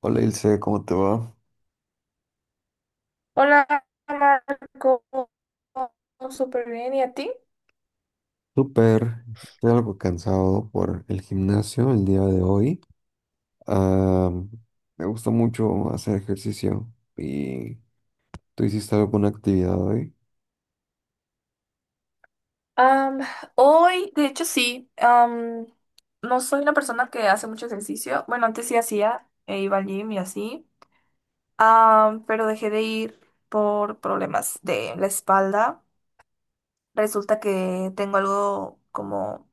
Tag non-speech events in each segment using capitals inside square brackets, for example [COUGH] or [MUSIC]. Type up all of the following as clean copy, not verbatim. Hola Ilse, ¿cómo te va? Hola Marco, súper bien, ¿y a ti? Súper, estoy algo cansado por el gimnasio el día de hoy. Ah, me gusta mucho hacer ejercicio y ¿tú hiciste alguna actividad hoy? Am, Hoy, de hecho sí, no soy una persona que hace mucho ejercicio. Bueno, antes sí hacía, e iba al gym y así. Pero dejé de ir por problemas de la espalda. Resulta que tengo algo como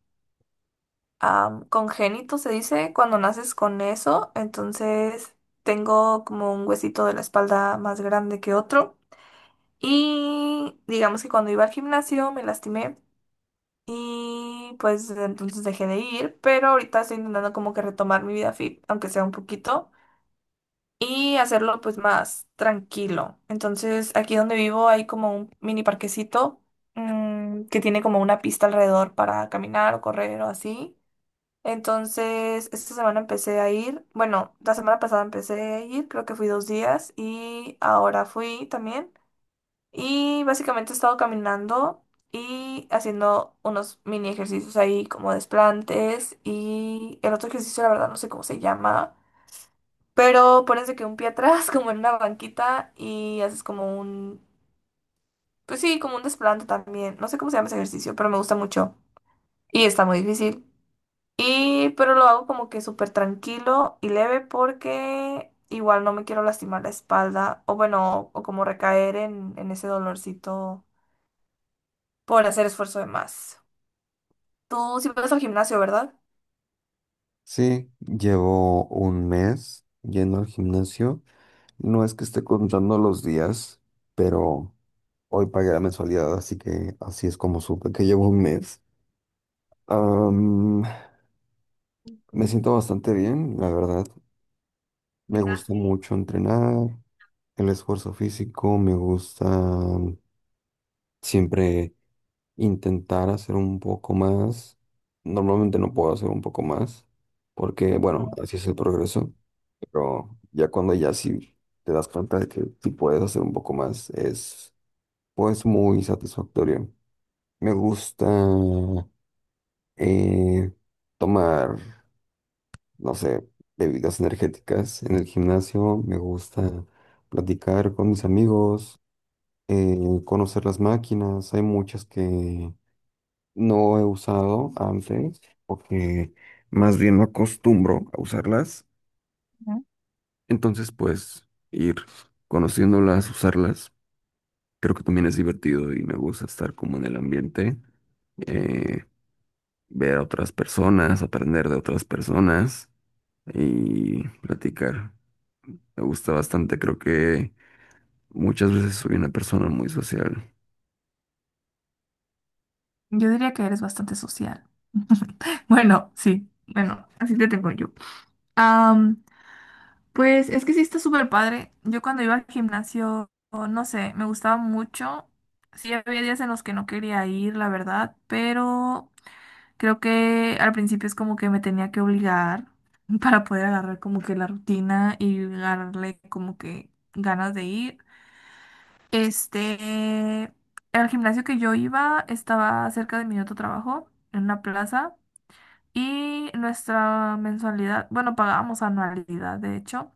congénito, se dice, cuando naces con eso. Entonces tengo como un huesito de la espalda más grande que otro. Y digamos que cuando iba al gimnasio me lastimé, y pues desde entonces dejé de ir, pero ahorita estoy intentando como que retomar mi vida fit, aunque sea un poquito, y hacerlo pues más tranquilo. Entonces, aquí donde vivo hay como un mini parquecito que tiene como una pista alrededor para caminar o correr o así. Entonces, esta semana empecé a ir, bueno, la semana pasada empecé a ir, creo que fui 2 días y ahora fui también. Y básicamente he estado caminando y haciendo unos mini ejercicios ahí como desplantes. Y el otro ejercicio, la verdad, no sé cómo se llama. Pero pones de que un pie atrás, [LAUGHS] como en una banquita, y haces como un, pues sí, como un desplante también. No sé cómo se llama ese ejercicio, pero me gusta mucho. Y está muy difícil. Y, pero lo hago como que súper tranquilo y leve porque igual no me quiero lastimar la espalda. O bueno, o como recaer en ese dolorcito por hacer esfuerzo de más. Tú sí vas al gimnasio, ¿verdad? Sí, llevo un mes yendo al gimnasio. No es que esté contando los días, pero hoy pagué la mensualidad, así que así es como supe que llevo un mes. Am, Me Mm. siento bastante bien, la verdad. Me gusta Gimnasio. mucho entrenar. El esfuerzo físico, me gusta siempre intentar hacer un poco más. Normalmente no puedo hacer un poco más, porque bueno, así es el progreso, pero ya cuando ya sí te das cuenta de que sí puedes hacer un poco más, es pues muy satisfactorio. Me gusta eh, tomar, no sé, bebidas energéticas en el gimnasio, me gusta platicar con mis amigos. Conocer las máquinas. Hay muchas que no he usado antes porque más bien no acostumbro a usarlas. Ujú. Entonces, pues ir conociéndolas, usarlas, creo que también es divertido y me gusta estar como en el ambiente, eh, ver a otras personas, aprender de otras personas y platicar. Me gusta bastante, creo que muchas veces soy una persona muy social. Yo diría que eres bastante social. [LAUGHS] Bueno, sí, bueno, así te tengo yo. Am, pues es que sí está súper padre. Yo cuando iba al gimnasio, no sé, me gustaba mucho. Sí, había días en los que no quería ir, la verdad, pero creo que al principio es como que me tenía que obligar [LAUGHS] para poder agarrar como que la rutina y agarrarle como que ganas de ir. Este, el gimnasio que yo iba estaba cerca de mi otro trabajo, en una plaza, y nuestra mensualidad, bueno, pagábamos anualidad, de hecho,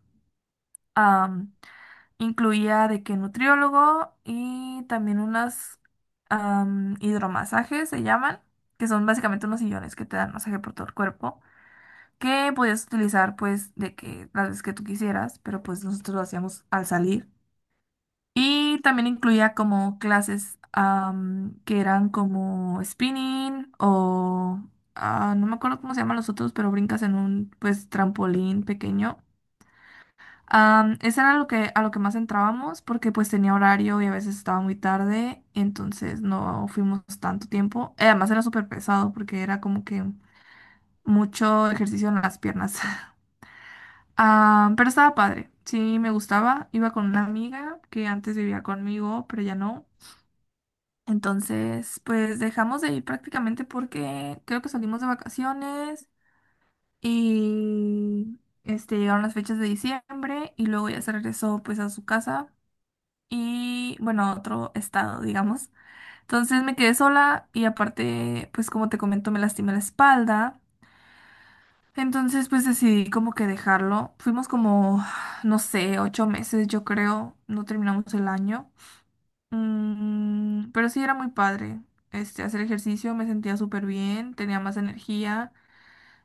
am, incluía de que nutriólogo y también unas hidromasajes se llaman, que son básicamente unos sillones que te dan masaje por todo el cuerpo, que podías utilizar pues de que las veces que tú quisieras, pero pues nosotros lo hacíamos al salir. Y también incluía como clases que eran como spinning o no me acuerdo cómo se llaman los otros, pero brincas en un pues trampolín pequeño. Eso era lo que, a lo que más entrábamos porque pues tenía horario y a veces estaba muy tarde, entonces no fuimos tanto tiempo. Además era súper pesado porque era como que mucho ejercicio en las piernas. [LAUGHS] Pero estaba padre, sí me gustaba. Iba con una amiga que antes vivía conmigo, pero ya no. Entonces, pues dejamos de ir prácticamente porque creo que salimos de vacaciones, y llegaron las fechas de diciembre, y luego ya se regresó pues a su casa, y bueno, a otro estado, digamos. Entonces me quedé sola y aparte, pues como te comento, me lastimé la espalda. Entonces, pues decidí como que dejarlo. Fuimos como, no sé, 8 meses, yo creo, no terminamos el año. Pero sí era muy padre. Hacer ejercicio me sentía súper bien, tenía más energía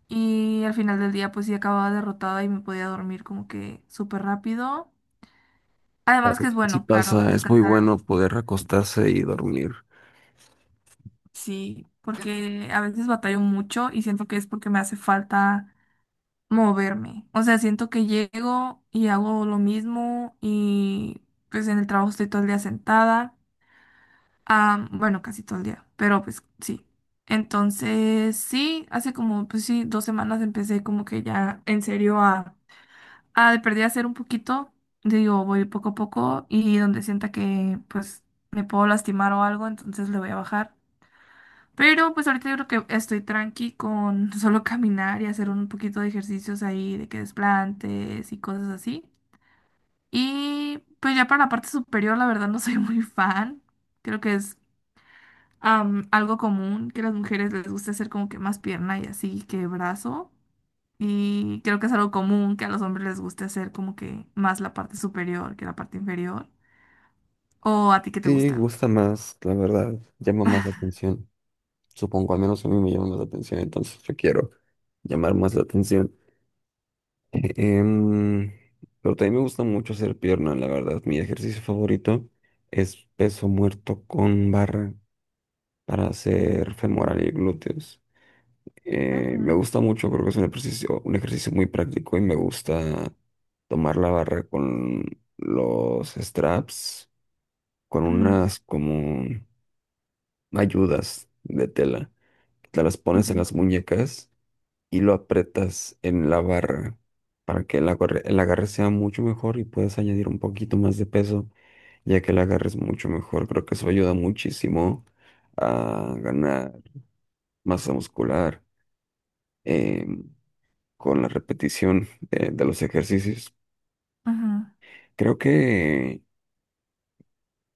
y al final del día pues sí acababa derrotada y me podía dormir como que súper rápido. Ok. Además que es Sí bueno, claro, pasa, es muy descansar. bueno poder acostarse y dormir. Sí, porque a veces batallo mucho y siento que es porque me hace falta moverme. O sea, siento que llego y hago lo mismo y pues en el trabajo estoy todo el día sentada. Ah, bueno, casi todo el día, pero pues sí. Entonces, sí, hace como, pues sí, 2 semanas empecé como que ya en serio a de perdida hacer un poquito, digo, voy poco a poco y donde sienta que pues me puedo lastimar o algo, entonces le voy a bajar. Pero pues ahorita yo creo que estoy tranqui con [LAUGHS] solo caminar y hacer un poquito de ejercicios ahí, de que desplantes y cosas así. Y pues ya para la parte superior, la verdad no soy muy fan. Creo que es algo común que a las mujeres les gusta hacer como que más pierna y así que brazo. Y creo que es algo común que a los hombres les gusta hacer como que más la parte superior que la parte inferior. ¿O a ti qué te Sí, gusta? gusta más, la verdad, llama más la atención. Supongo, al menos a mí me llama más la atención, entonces yo quiero llamar más la atención. Em, pero también me gusta mucho hacer pierna, la verdad. Mi ejercicio favorito es peso muerto con barra, para hacer femoral y glúteos. Me Ujú, gusta mucho, creo que es un ejercicio muy práctico y me gusta tomar la barra con los straps, con ujú, unas como ayudas de tela. Te las pones en ok, las muñecas y lo aprietas en la barra para que el agarre sea mucho mejor y puedes añadir un poquito más de peso, ya que el agarre es mucho mejor. Creo que eso ayuda muchísimo a ganar masa muscular eh, con la repetición de los ejercicios. ujú. Creo que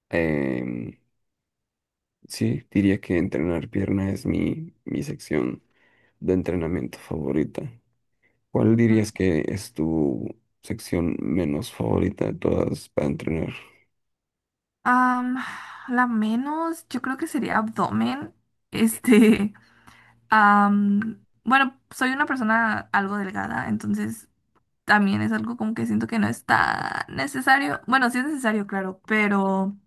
em, sí, diría que entrenar pierna es mi sección de entrenamiento favorita. ¿Cuál dirías que es tu sección menos favorita de todas para entrenar? Am, la menos, yo creo que sería abdomen. Este, [LAUGHS] bueno, soy una persona algo delgada, entonces también es algo como que siento que no es tan necesario. Bueno, sí es necesario, claro, pero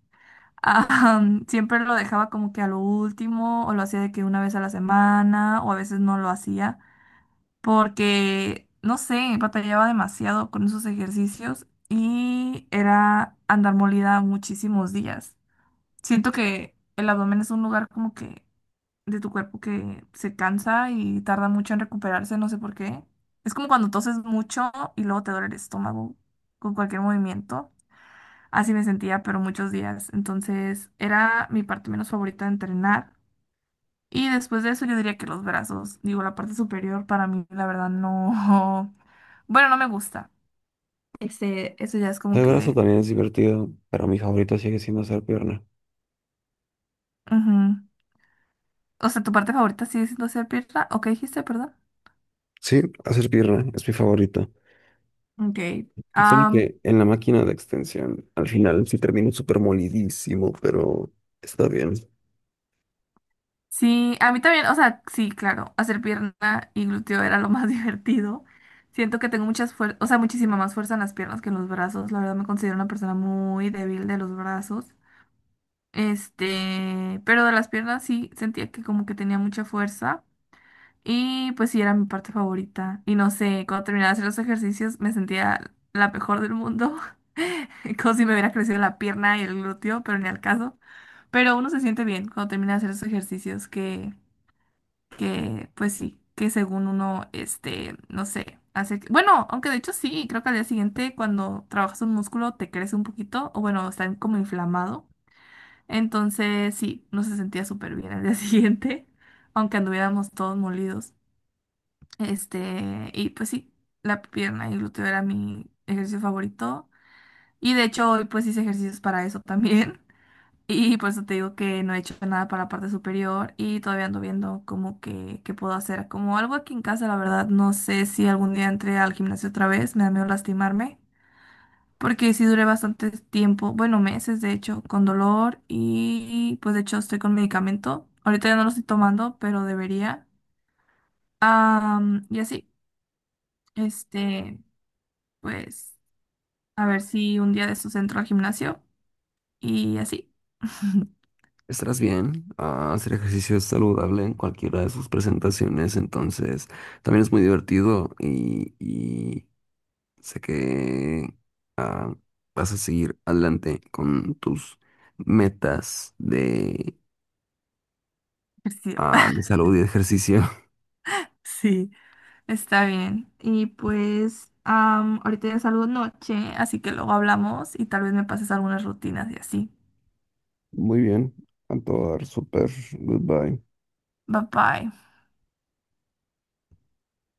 Ah, [LAUGHS] siempre lo dejaba como que a lo último, o lo hacía de que una vez a la semana, o a veces no lo hacía, porque, no sé, batallaba demasiado con esos ejercicios y era andar molida muchísimos días. Siento que el abdomen es un lugar como que de tu cuerpo que se cansa y tarda mucho en recuperarse, no sé por qué. Es como cuando toses mucho y luego te duele el estómago con cualquier movimiento. Así me sentía, pero muchos días. Entonces era mi parte menos favorita de entrenar. Y después de eso yo diría que los brazos, digo, la parte superior para mí, la verdad, no. [LAUGHS] Bueno, no me gusta. Eso ya es como El brazo que... también es divertido, pero mi favorito sigue siendo hacer pierna. Ujú. O sea, tu parte favorita sigue siendo hacer pierna. ¿O qué dijiste, perdón? Sí, hacer pierna es mi favorito. Ok. Solo Am, que en la máquina de extensión, al final sí termino súper molidísimo, pero está bien. Sí, a mí también, o sea, sí, claro, hacer pierna y glúteo era lo más [LAUGHS] divertido. Siento que tengo muchas o sea, muchísima más fuerza en las piernas que en los brazos. La verdad me considero una persona muy débil de los brazos. Pero de las piernas sí sentía que como que tenía mucha fuerza y pues sí era mi parte favorita. Y no sé, cuando terminaba de hacer los ejercicios me sentía la mejor del mundo. [LAUGHS] Como si me hubiera crecido la pierna y el glúteo, pero ni al caso. Pero uno se siente bien cuando termina de hacer esos ejercicios que pues sí, que según uno, no sé, bueno, aunque de hecho sí, creo que al día siguiente cuando trabajas un músculo te crece un poquito, o bueno, está como inflamado. Entonces sí, no se sentía súper bien al día [LAUGHS] siguiente, aunque anduviéramos todos molidos. Y pues sí, la pierna y el glúteo era mi ejercicio favorito. Y de hecho hoy pues hice ejercicios para eso también. Y por eso te digo que no he hecho nada para la parte superior y todavía ando viendo como que, qué puedo hacer. Como algo aquí en casa, la verdad, no sé si algún día entré al gimnasio otra vez, me da miedo lastimarme, porque sí duré bastante tiempo, bueno, meses de hecho, con dolor y pues de hecho estoy con medicamento. Ahorita ya no lo estoy tomando, pero debería. Y así, este, pues a ver si un día de estos entro al gimnasio y así. [LAUGHS] Estarás bien. Ah, hacer ejercicio es saludable en cualquiera de sus presentaciones, entonces también es muy divertido y sé que ah, vas a seguir adelante con tus metas de, Ejercicio. ah, de salud y de ejercicio. [LAUGHS] Sí. Está bien. Y pues ahorita ya salgo noche, así que luego hablamos y tal vez me pases algunas rutinas y así. [LAUGHS] Muy bien, a todo dar, súper, goodbye. Bye bye.